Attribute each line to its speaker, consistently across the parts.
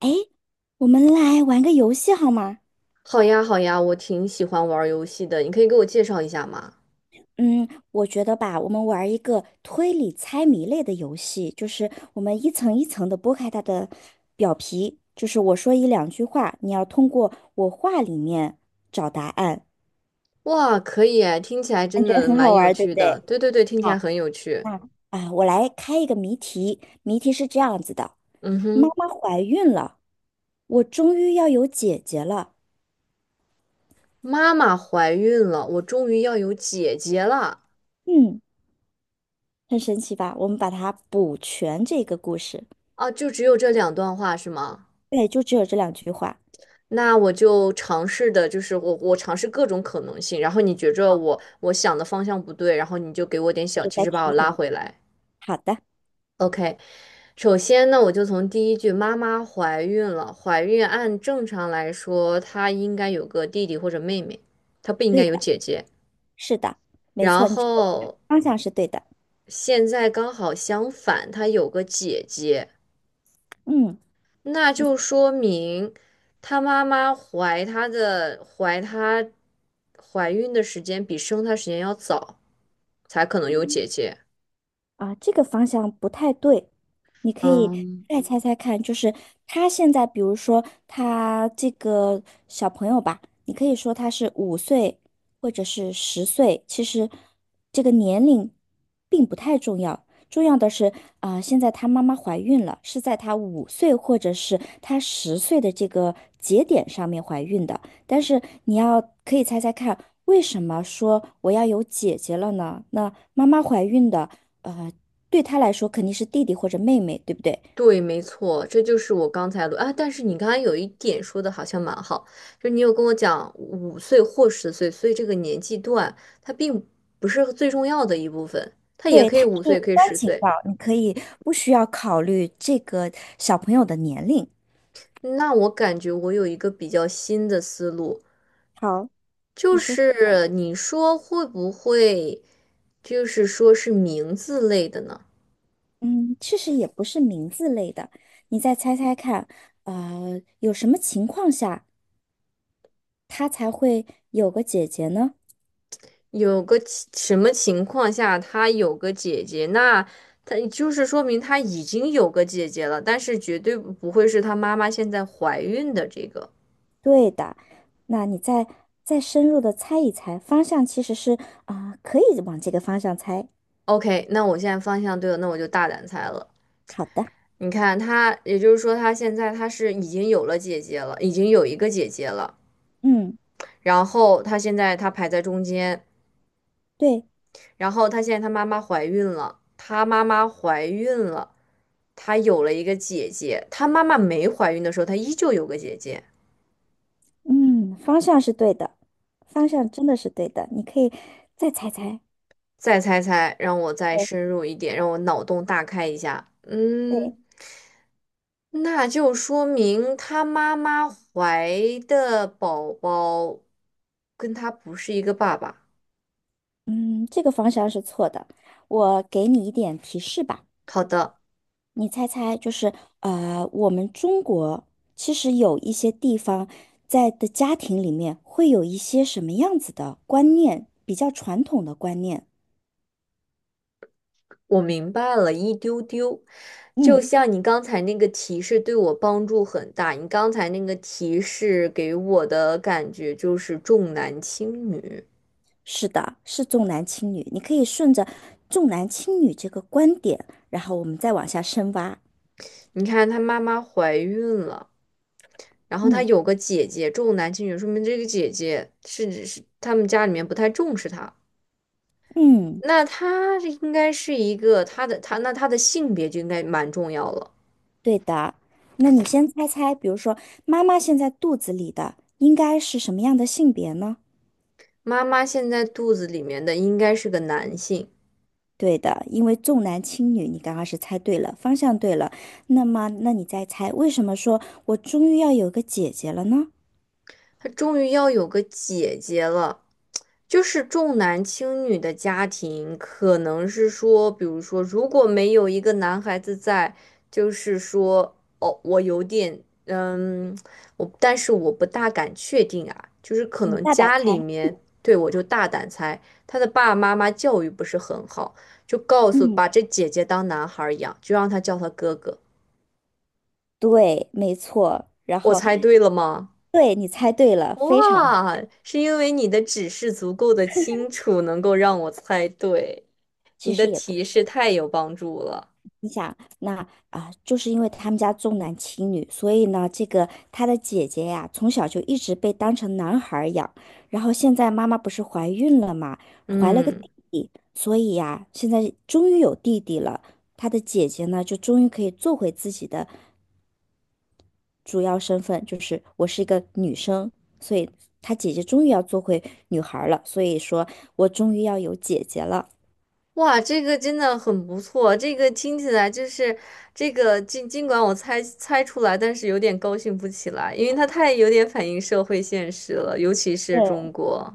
Speaker 1: 哎，我们来玩个游戏好吗？
Speaker 2: 好呀，好呀，我挺喜欢玩儿游戏的，你可以给我介绍一下吗？
Speaker 1: 嗯，我觉得吧，我们玩一个推理猜谜类的游戏，就是我们一层一层的剥开它的表皮，就是我说一两句话，你要通过我话里面找答案，
Speaker 2: 哇，可以哎，听起来
Speaker 1: 感
Speaker 2: 真
Speaker 1: 觉
Speaker 2: 的
Speaker 1: 很好
Speaker 2: 蛮有
Speaker 1: 玩对
Speaker 2: 趣
Speaker 1: 不
Speaker 2: 的。
Speaker 1: 对？
Speaker 2: 对对对，听起来很有趣。
Speaker 1: 啊，我来开一个谜题，谜题是这样子的：
Speaker 2: 嗯
Speaker 1: 妈
Speaker 2: 哼，
Speaker 1: 妈怀孕了，我终于要有姐姐了。
Speaker 2: 妈妈怀孕了，我终于要有姐姐了。
Speaker 1: 嗯，很神奇吧？我们把它补全这个故事，
Speaker 2: 啊！就只有这两段话是吗？
Speaker 1: 对，就只有这两句话。
Speaker 2: 那我就尝试的，就是我尝试各种可能性，然后你觉着我想的方向不对，然后你就给我点
Speaker 1: 我
Speaker 2: 小
Speaker 1: 就
Speaker 2: 提
Speaker 1: 在
Speaker 2: 示把我
Speaker 1: 提醒
Speaker 2: 拉
Speaker 1: 你。
Speaker 2: 回来。
Speaker 1: 好的，
Speaker 2: OK，首先呢，我就从第一句"妈妈怀孕了"，怀孕按正常来说，她应该有个弟弟或者妹妹，她不应该
Speaker 1: 对
Speaker 2: 有
Speaker 1: 的，
Speaker 2: 姐姐。
Speaker 1: 是的，没
Speaker 2: 然
Speaker 1: 错，你这个
Speaker 2: 后
Speaker 1: 方向是对的。
Speaker 2: 现在刚好相反，她有个姐姐，
Speaker 1: 嗯。
Speaker 2: 那
Speaker 1: 你。
Speaker 2: 就说明她妈妈怀她的怀她怀孕的时间比生她时间要早，才可能有姐姐。
Speaker 1: 啊，这个方向不太对，你可以
Speaker 2: 嗯。
Speaker 1: 再猜猜看，就是他现在，比如说他这个小朋友吧，你可以说他是五岁或者是十岁，其实这个年龄并不太重要，重要的是啊，现在他妈妈怀孕了，是在他五岁或者是他十岁的这个节点上面怀孕的，但是你要可以猜猜看，为什么说我要有姐姐了呢？那？妈妈怀孕的，呃，对她来说肯定是弟弟或者妹妹，对不对？
Speaker 2: 对，没错，这就是我刚才录啊。但是你刚才有一点说的好像蛮好，就是你有跟我讲五岁或十岁，所以这个年纪段它并不是最重要的一部分，它也
Speaker 1: 对，
Speaker 2: 可
Speaker 1: 她
Speaker 2: 以
Speaker 1: 是
Speaker 2: 五岁，
Speaker 1: 无
Speaker 2: 也可以
Speaker 1: 关
Speaker 2: 十
Speaker 1: 紧
Speaker 2: 岁。
Speaker 1: 要，你可以不需要考虑这个小朋友的年龄。
Speaker 2: 那我感觉我有一个比较新的思路，
Speaker 1: 好，
Speaker 2: 就
Speaker 1: 你说，
Speaker 2: 是你说会不会，就是说是名字类的呢？
Speaker 1: 嗯，其实也不是名字类的，你再猜猜看，有什么情况下他才会有个姐姐呢？
Speaker 2: 有个情什么情况下他有个姐姐，那他就是说明他已经有个姐姐了，但是绝对不会是他妈妈现在怀孕的这个。
Speaker 1: 对的，那你再深入的猜一猜，方向其实是啊，可以往这个方向猜。
Speaker 2: OK,那我现在方向对了，那我就大胆猜了。
Speaker 1: 好的，
Speaker 2: 你看他，也就是说他现在他是已经有了姐姐了，已经有一个姐姐了，
Speaker 1: 嗯，
Speaker 2: 然后他现在他排在中间，
Speaker 1: 对。
Speaker 2: 然后他现在他妈妈怀孕了，他妈妈怀孕了，他有了一个姐姐，他妈妈没怀孕的时候，他依旧有个姐姐。
Speaker 1: 嗯，方向是对的，方向真的是对的。你可以再猜猜。
Speaker 2: 再猜猜，让我再
Speaker 1: 对
Speaker 2: 深入一点，让我脑洞大开一下。嗯，
Speaker 1: 对，
Speaker 2: 那就说明他妈妈怀的宝宝跟他不是一个爸爸。
Speaker 1: 嗯，这个方向是错的。我给你一点提示吧，
Speaker 2: 好的，
Speaker 1: 你猜猜，就是我们中国其实有一些地方在的家庭里面会有一些什么样子的观念，比较传统的观念。
Speaker 2: 我明白了一丢丢。就
Speaker 1: 嗯，
Speaker 2: 像你刚才那个提示对我帮助很大，你刚才那个提示给我的感觉就是重男轻女。
Speaker 1: 是的，是重男轻女。你可以顺着重男轻女这个观点，然后我们再往下深挖。
Speaker 2: 你看，她妈妈怀孕了。然后他
Speaker 1: 嗯
Speaker 2: 有个姐姐重男轻女，说明这个姐姐是他们家里面不太重视他。
Speaker 1: 嗯。
Speaker 2: 那他这应该是一个他的性别就应该蛮重要了。
Speaker 1: 对的，那你先猜猜，比如说妈妈现在肚子里的应该是什么样的性别呢？
Speaker 2: 妈妈现在肚子里面的应该是个男性。
Speaker 1: 对的，因为重男轻女，你刚刚是猜对了，方向对了。那么，那你再猜，为什么说我终于要有个姐姐了呢？
Speaker 2: 他终于要有个姐姐了。就是重男轻女的家庭，可能是说，比如说，如果没有一个男孩子在，就是说，哦，我有点，嗯，我，但是我不大敢确定啊，就是可
Speaker 1: 你
Speaker 2: 能
Speaker 1: 大胆
Speaker 2: 家里
Speaker 1: 猜。
Speaker 2: 面，对，我就大胆猜，他的爸爸妈妈教育不是很好，就告诉
Speaker 1: 嗯，
Speaker 2: 把这姐姐当男孩儿养，就让他叫他哥哥。
Speaker 1: 对，没错。然
Speaker 2: 我
Speaker 1: 后，
Speaker 2: 猜对了吗？
Speaker 1: 对，你猜对了，非常，
Speaker 2: 哇，是因为你的指示足够的清楚，能够让我猜对，
Speaker 1: 其
Speaker 2: 你的
Speaker 1: 实也不。
Speaker 2: 提
Speaker 1: 是。
Speaker 2: 示太有帮助了。
Speaker 1: 那啊，就是因为他们家重男轻女，所以呢，这个他的姐姐呀，从小就一直被当成男孩儿养。然后现在妈妈不是怀孕了嘛，怀了个弟
Speaker 2: 嗯，
Speaker 1: 弟，所以呀，现在终于有弟弟了。他的姐姐呢，就终于可以做回自己的主要身份，就是我是一个女生，所以他姐姐终于要做回女孩儿了。所以说我终于要有姐姐了，
Speaker 2: 哇，这个真的很不错，这个听起来就是这个尽管我猜出来，但是有点高兴不起来，因为它太有点反映社会现实了，尤其是中
Speaker 1: 对，
Speaker 2: 国。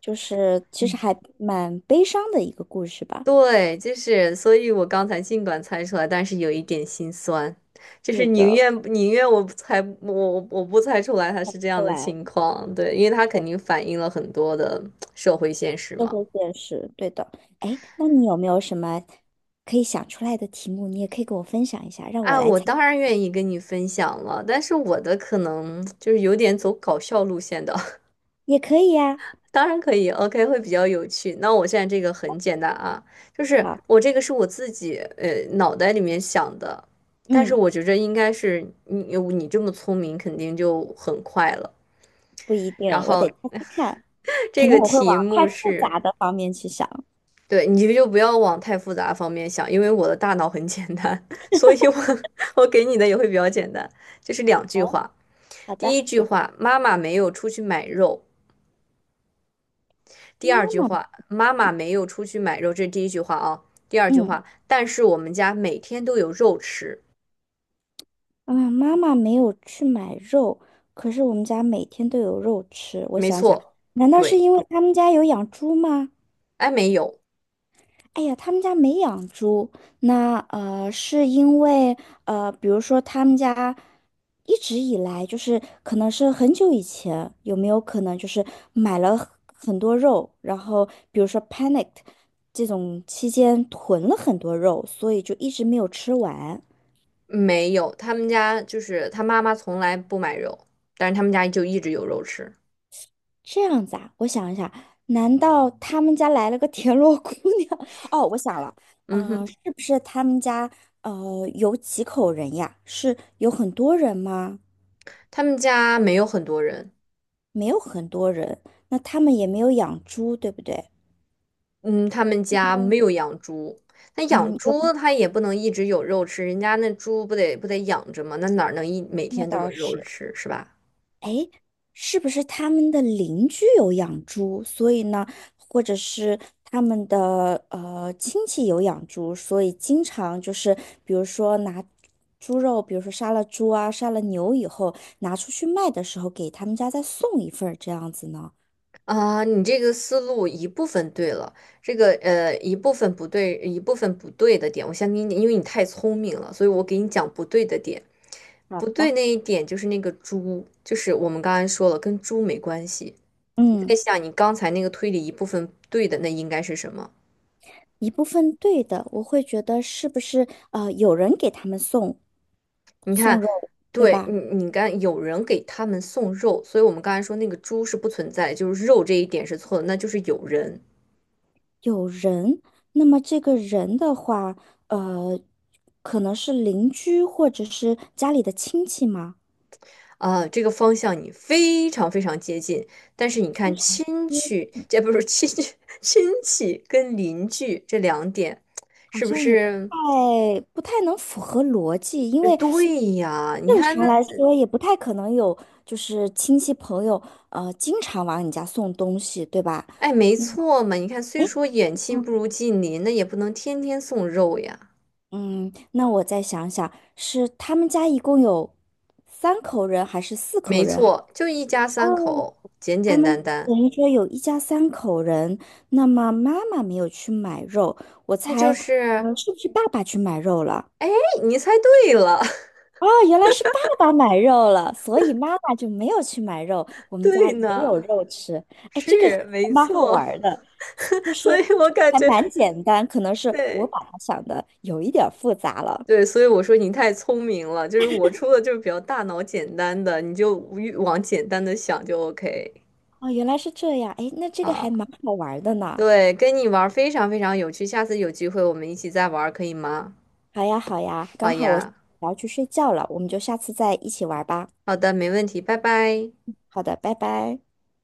Speaker 1: 就是其实还蛮悲伤的一个故事吧。
Speaker 2: 对，就是，所以我刚才尽管猜出来，但是有一点心酸，就是
Speaker 1: 对
Speaker 2: 宁
Speaker 1: 的。
Speaker 2: 愿宁愿我不猜我不猜出来他是这样的
Speaker 1: 来，
Speaker 2: 情况，对，因为他肯定反映了很多的社会现实
Speaker 1: 社
Speaker 2: 嘛。
Speaker 1: 会现实，对的。哎，那你有没有什么可以想出来的题目？你也可以跟我分享一下，让我
Speaker 2: 啊，
Speaker 1: 来
Speaker 2: 我
Speaker 1: 猜，
Speaker 2: 当然愿意跟你分享了，但是我的可能就是有点走搞笑路线的。
Speaker 1: 也可以呀。
Speaker 2: 当然可以，OK,会比较有趣。那我现在这个很简单啊，就是
Speaker 1: 好，
Speaker 2: 我这个是我自己脑袋里面想的，但是
Speaker 1: 嗯，
Speaker 2: 我觉着应该是你这么聪明，肯定就很快了。
Speaker 1: 不一定，
Speaker 2: 然
Speaker 1: 我得
Speaker 2: 后
Speaker 1: 猜猜看，可
Speaker 2: 这
Speaker 1: 能
Speaker 2: 个
Speaker 1: 我会往
Speaker 2: 题
Speaker 1: 太
Speaker 2: 目
Speaker 1: 复
Speaker 2: 是，
Speaker 1: 杂的方面去想。
Speaker 2: 对，你就不要往太复杂方面想，因为我的大脑很简单，所以我 我给你的也会比较简单，就是两句
Speaker 1: 哦，
Speaker 2: 话。
Speaker 1: 好
Speaker 2: 第
Speaker 1: 的，
Speaker 2: 一句话，妈妈没有出去买肉。第
Speaker 1: 妈
Speaker 2: 二句
Speaker 1: 妈，
Speaker 2: 话，妈妈没有出去买肉，这是第一句话啊。第二句
Speaker 1: 嗯，
Speaker 2: 话，但是我们家每天都有肉吃。
Speaker 1: 啊，妈妈没有去买肉，可是我们家每天都有肉吃。我
Speaker 2: 没
Speaker 1: 想想，
Speaker 2: 错，
Speaker 1: 难道是
Speaker 2: 对，
Speaker 1: 因为他们家有养猪吗？
Speaker 2: 哎，没有，
Speaker 1: 哎呀，他们家没养猪，那是因为比如说他们家一直以来就是可能是很久以前，有没有可能就是买了很多肉，然后比如说 panicked 这种期间囤了很多肉，所以就一直没有吃完。
Speaker 2: 没有，他们家就是他妈妈从来不买肉，但是他们家就一直有肉吃。
Speaker 1: 这样子啊，我想一下，难道他们家来了个田螺姑娘？哦，我想了，
Speaker 2: 嗯哼，
Speaker 1: 是不是他们家有几口人呀？是有很多人吗？
Speaker 2: 他们家没有很多人，
Speaker 1: 没有很多人，那他们也没有养猪，对不对？
Speaker 2: 嗯，他们家
Speaker 1: 嗯，
Speaker 2: 没有养猪。那养
Speaker 1: 嗯，有
Speaker 2: 猪它也不能一直有肉吃，人家那猪不得养着吗？那哪儿能一每
Speaker 1: 那
Speaker 2: 天都有
Speaker 1: 倒
Speaker 2: 肉
Speaker 1: 是。
Speaker 2: 吃是吧？
Speaker 1: 是不是他们的邻居有养猪，所以呢，或者是他们的亲戚有养猪，所以经常就是比如说拿猪肉，比如说杀了猪啊，杀了牛以后拿出去卖的时候，给他们家再送一份儿这样子呢？
Speaker 2: 啊，你这个思路一部分对了，这个一部分不对，一部分不对的点，我先给你，因为你太聪明了，所以我给你讲不对的点。
Speaker 1: 好
Speaker 2: 不对
Speaker 1: 的。
Speaker 2: 那一点就是那个猪，就是我们刚才说了，跟猪没关系。你在
Speaker 1: 嗯，
Speaker 2: 想你刚才那个推理一部分对的，那应该是什么？
Speaker 1: 一部分对的，我会觉得是不是有人给他们送
Speaker 2: 你看，
Speaker 1: 肉，对
Speaker 2: 对
Speaker 1: 吧？
Speaker 2: 你，你刚有人给他们送肉，所以我们刚才说那个猪是不存在的就是肉这一点是错的，那就是有人。
Speaker 1: 有人，那么这个人的话，呃，可能是邻居或者是家里的亲戚吗？
Speaker 2: 啊，这个方向你非常非常接近，但是你
Speaker 1: 非
Speaker 2: 看
Speaker 1: 常
Speaker 2: 亲
Speaker 1: 接
Speaker 2: 戚，这不是亲戚，亲戚跟邻居这两点，
Speaker 1: 好
Speaker 2: 是不
Speaker 1: 像也不
Speaker 2: 是？
Speaker 1: 太不太能符合逻辑，因为
Speaker 2: 对呀，你
Speaker 1: 正
Speaker 2: 看那
Speaker 1: 常来
Speaker 2: 这，
Speaker 1: 说也不太可能有就是亲戚朋友经常往你家送东西，对吧？
Speaker 2: 哎，没
Speaker 1: 嗯，
Speaker 2: 错嘛。你看，虽
Speaker 1: 诶
Speaker 2: 说远亲不如近邻，那也不能天天送肉呀。
Speaker 1: 嗯，那我再想想，是他们家一共有三口人，还是四口
Speaker 2: 没
Speaker 1: 人？
Speaker 2: 错，就一家三
Speaker 1: 哦。
Speaker 2: 口，简
Speaker 1: 他
Speaker 2: 简
Speaker 1: 们
Speaker 2: 单单，
Speaker 1: 等于说有一家三口人，那么妈妈没有去买肉，我
Speaker 2: 那就
Speaker 1: 猜，
Speaker 2: 是，
Speaker 1: 是不是爸爸去买肉了？
Speaker 2: 哎，你猜对了，
Speaker 1: 哦，原来是爸爸买肉了，所以妈妈就没有去买肉，我 们家
Speaker 2: 对
Speaker 1: 也
Speaker 2: 呢，
Speaker 1: 有肉吃。哎，这个还
Speaker 2: 是没
Speaker 1: 蛮好玩
Speaker 2: 错，
Speaker 1: 儿的，就 是
Speaker 2: 所以我感
Speaker 1: 还
Speaker 2: 觉
Speaker 1: 蛮简单，可能是我
Speaker 2: 对。
Speaker 1: 把它想的有一点儿复杂了。
Speaker 2: 对，所以我说你太聪明了，就是我出的就是比较大脑简单的，你就越往简单的想就 OK
Speaker 1: 哦，原来是这样，哎，那这个
Speaker 2: 啊。
Speaker 1: 还蛮好玩儿的呢。
Speaker 2: 对，跟你玩儿非常非常有趣，下次有机会我们一起再玩儿，可以吗？
Speaker 1: 好呀，好呀，
Speaker 2: 好
Speaker 1: 刚好我
Speaker 2: 呀，
Speaker 1: 要去睡觉了，我们就下次再一起玩儿吧。
Speaker 2: 好的，没问题，拜拜。
Speaker 1: 好的，拜拜。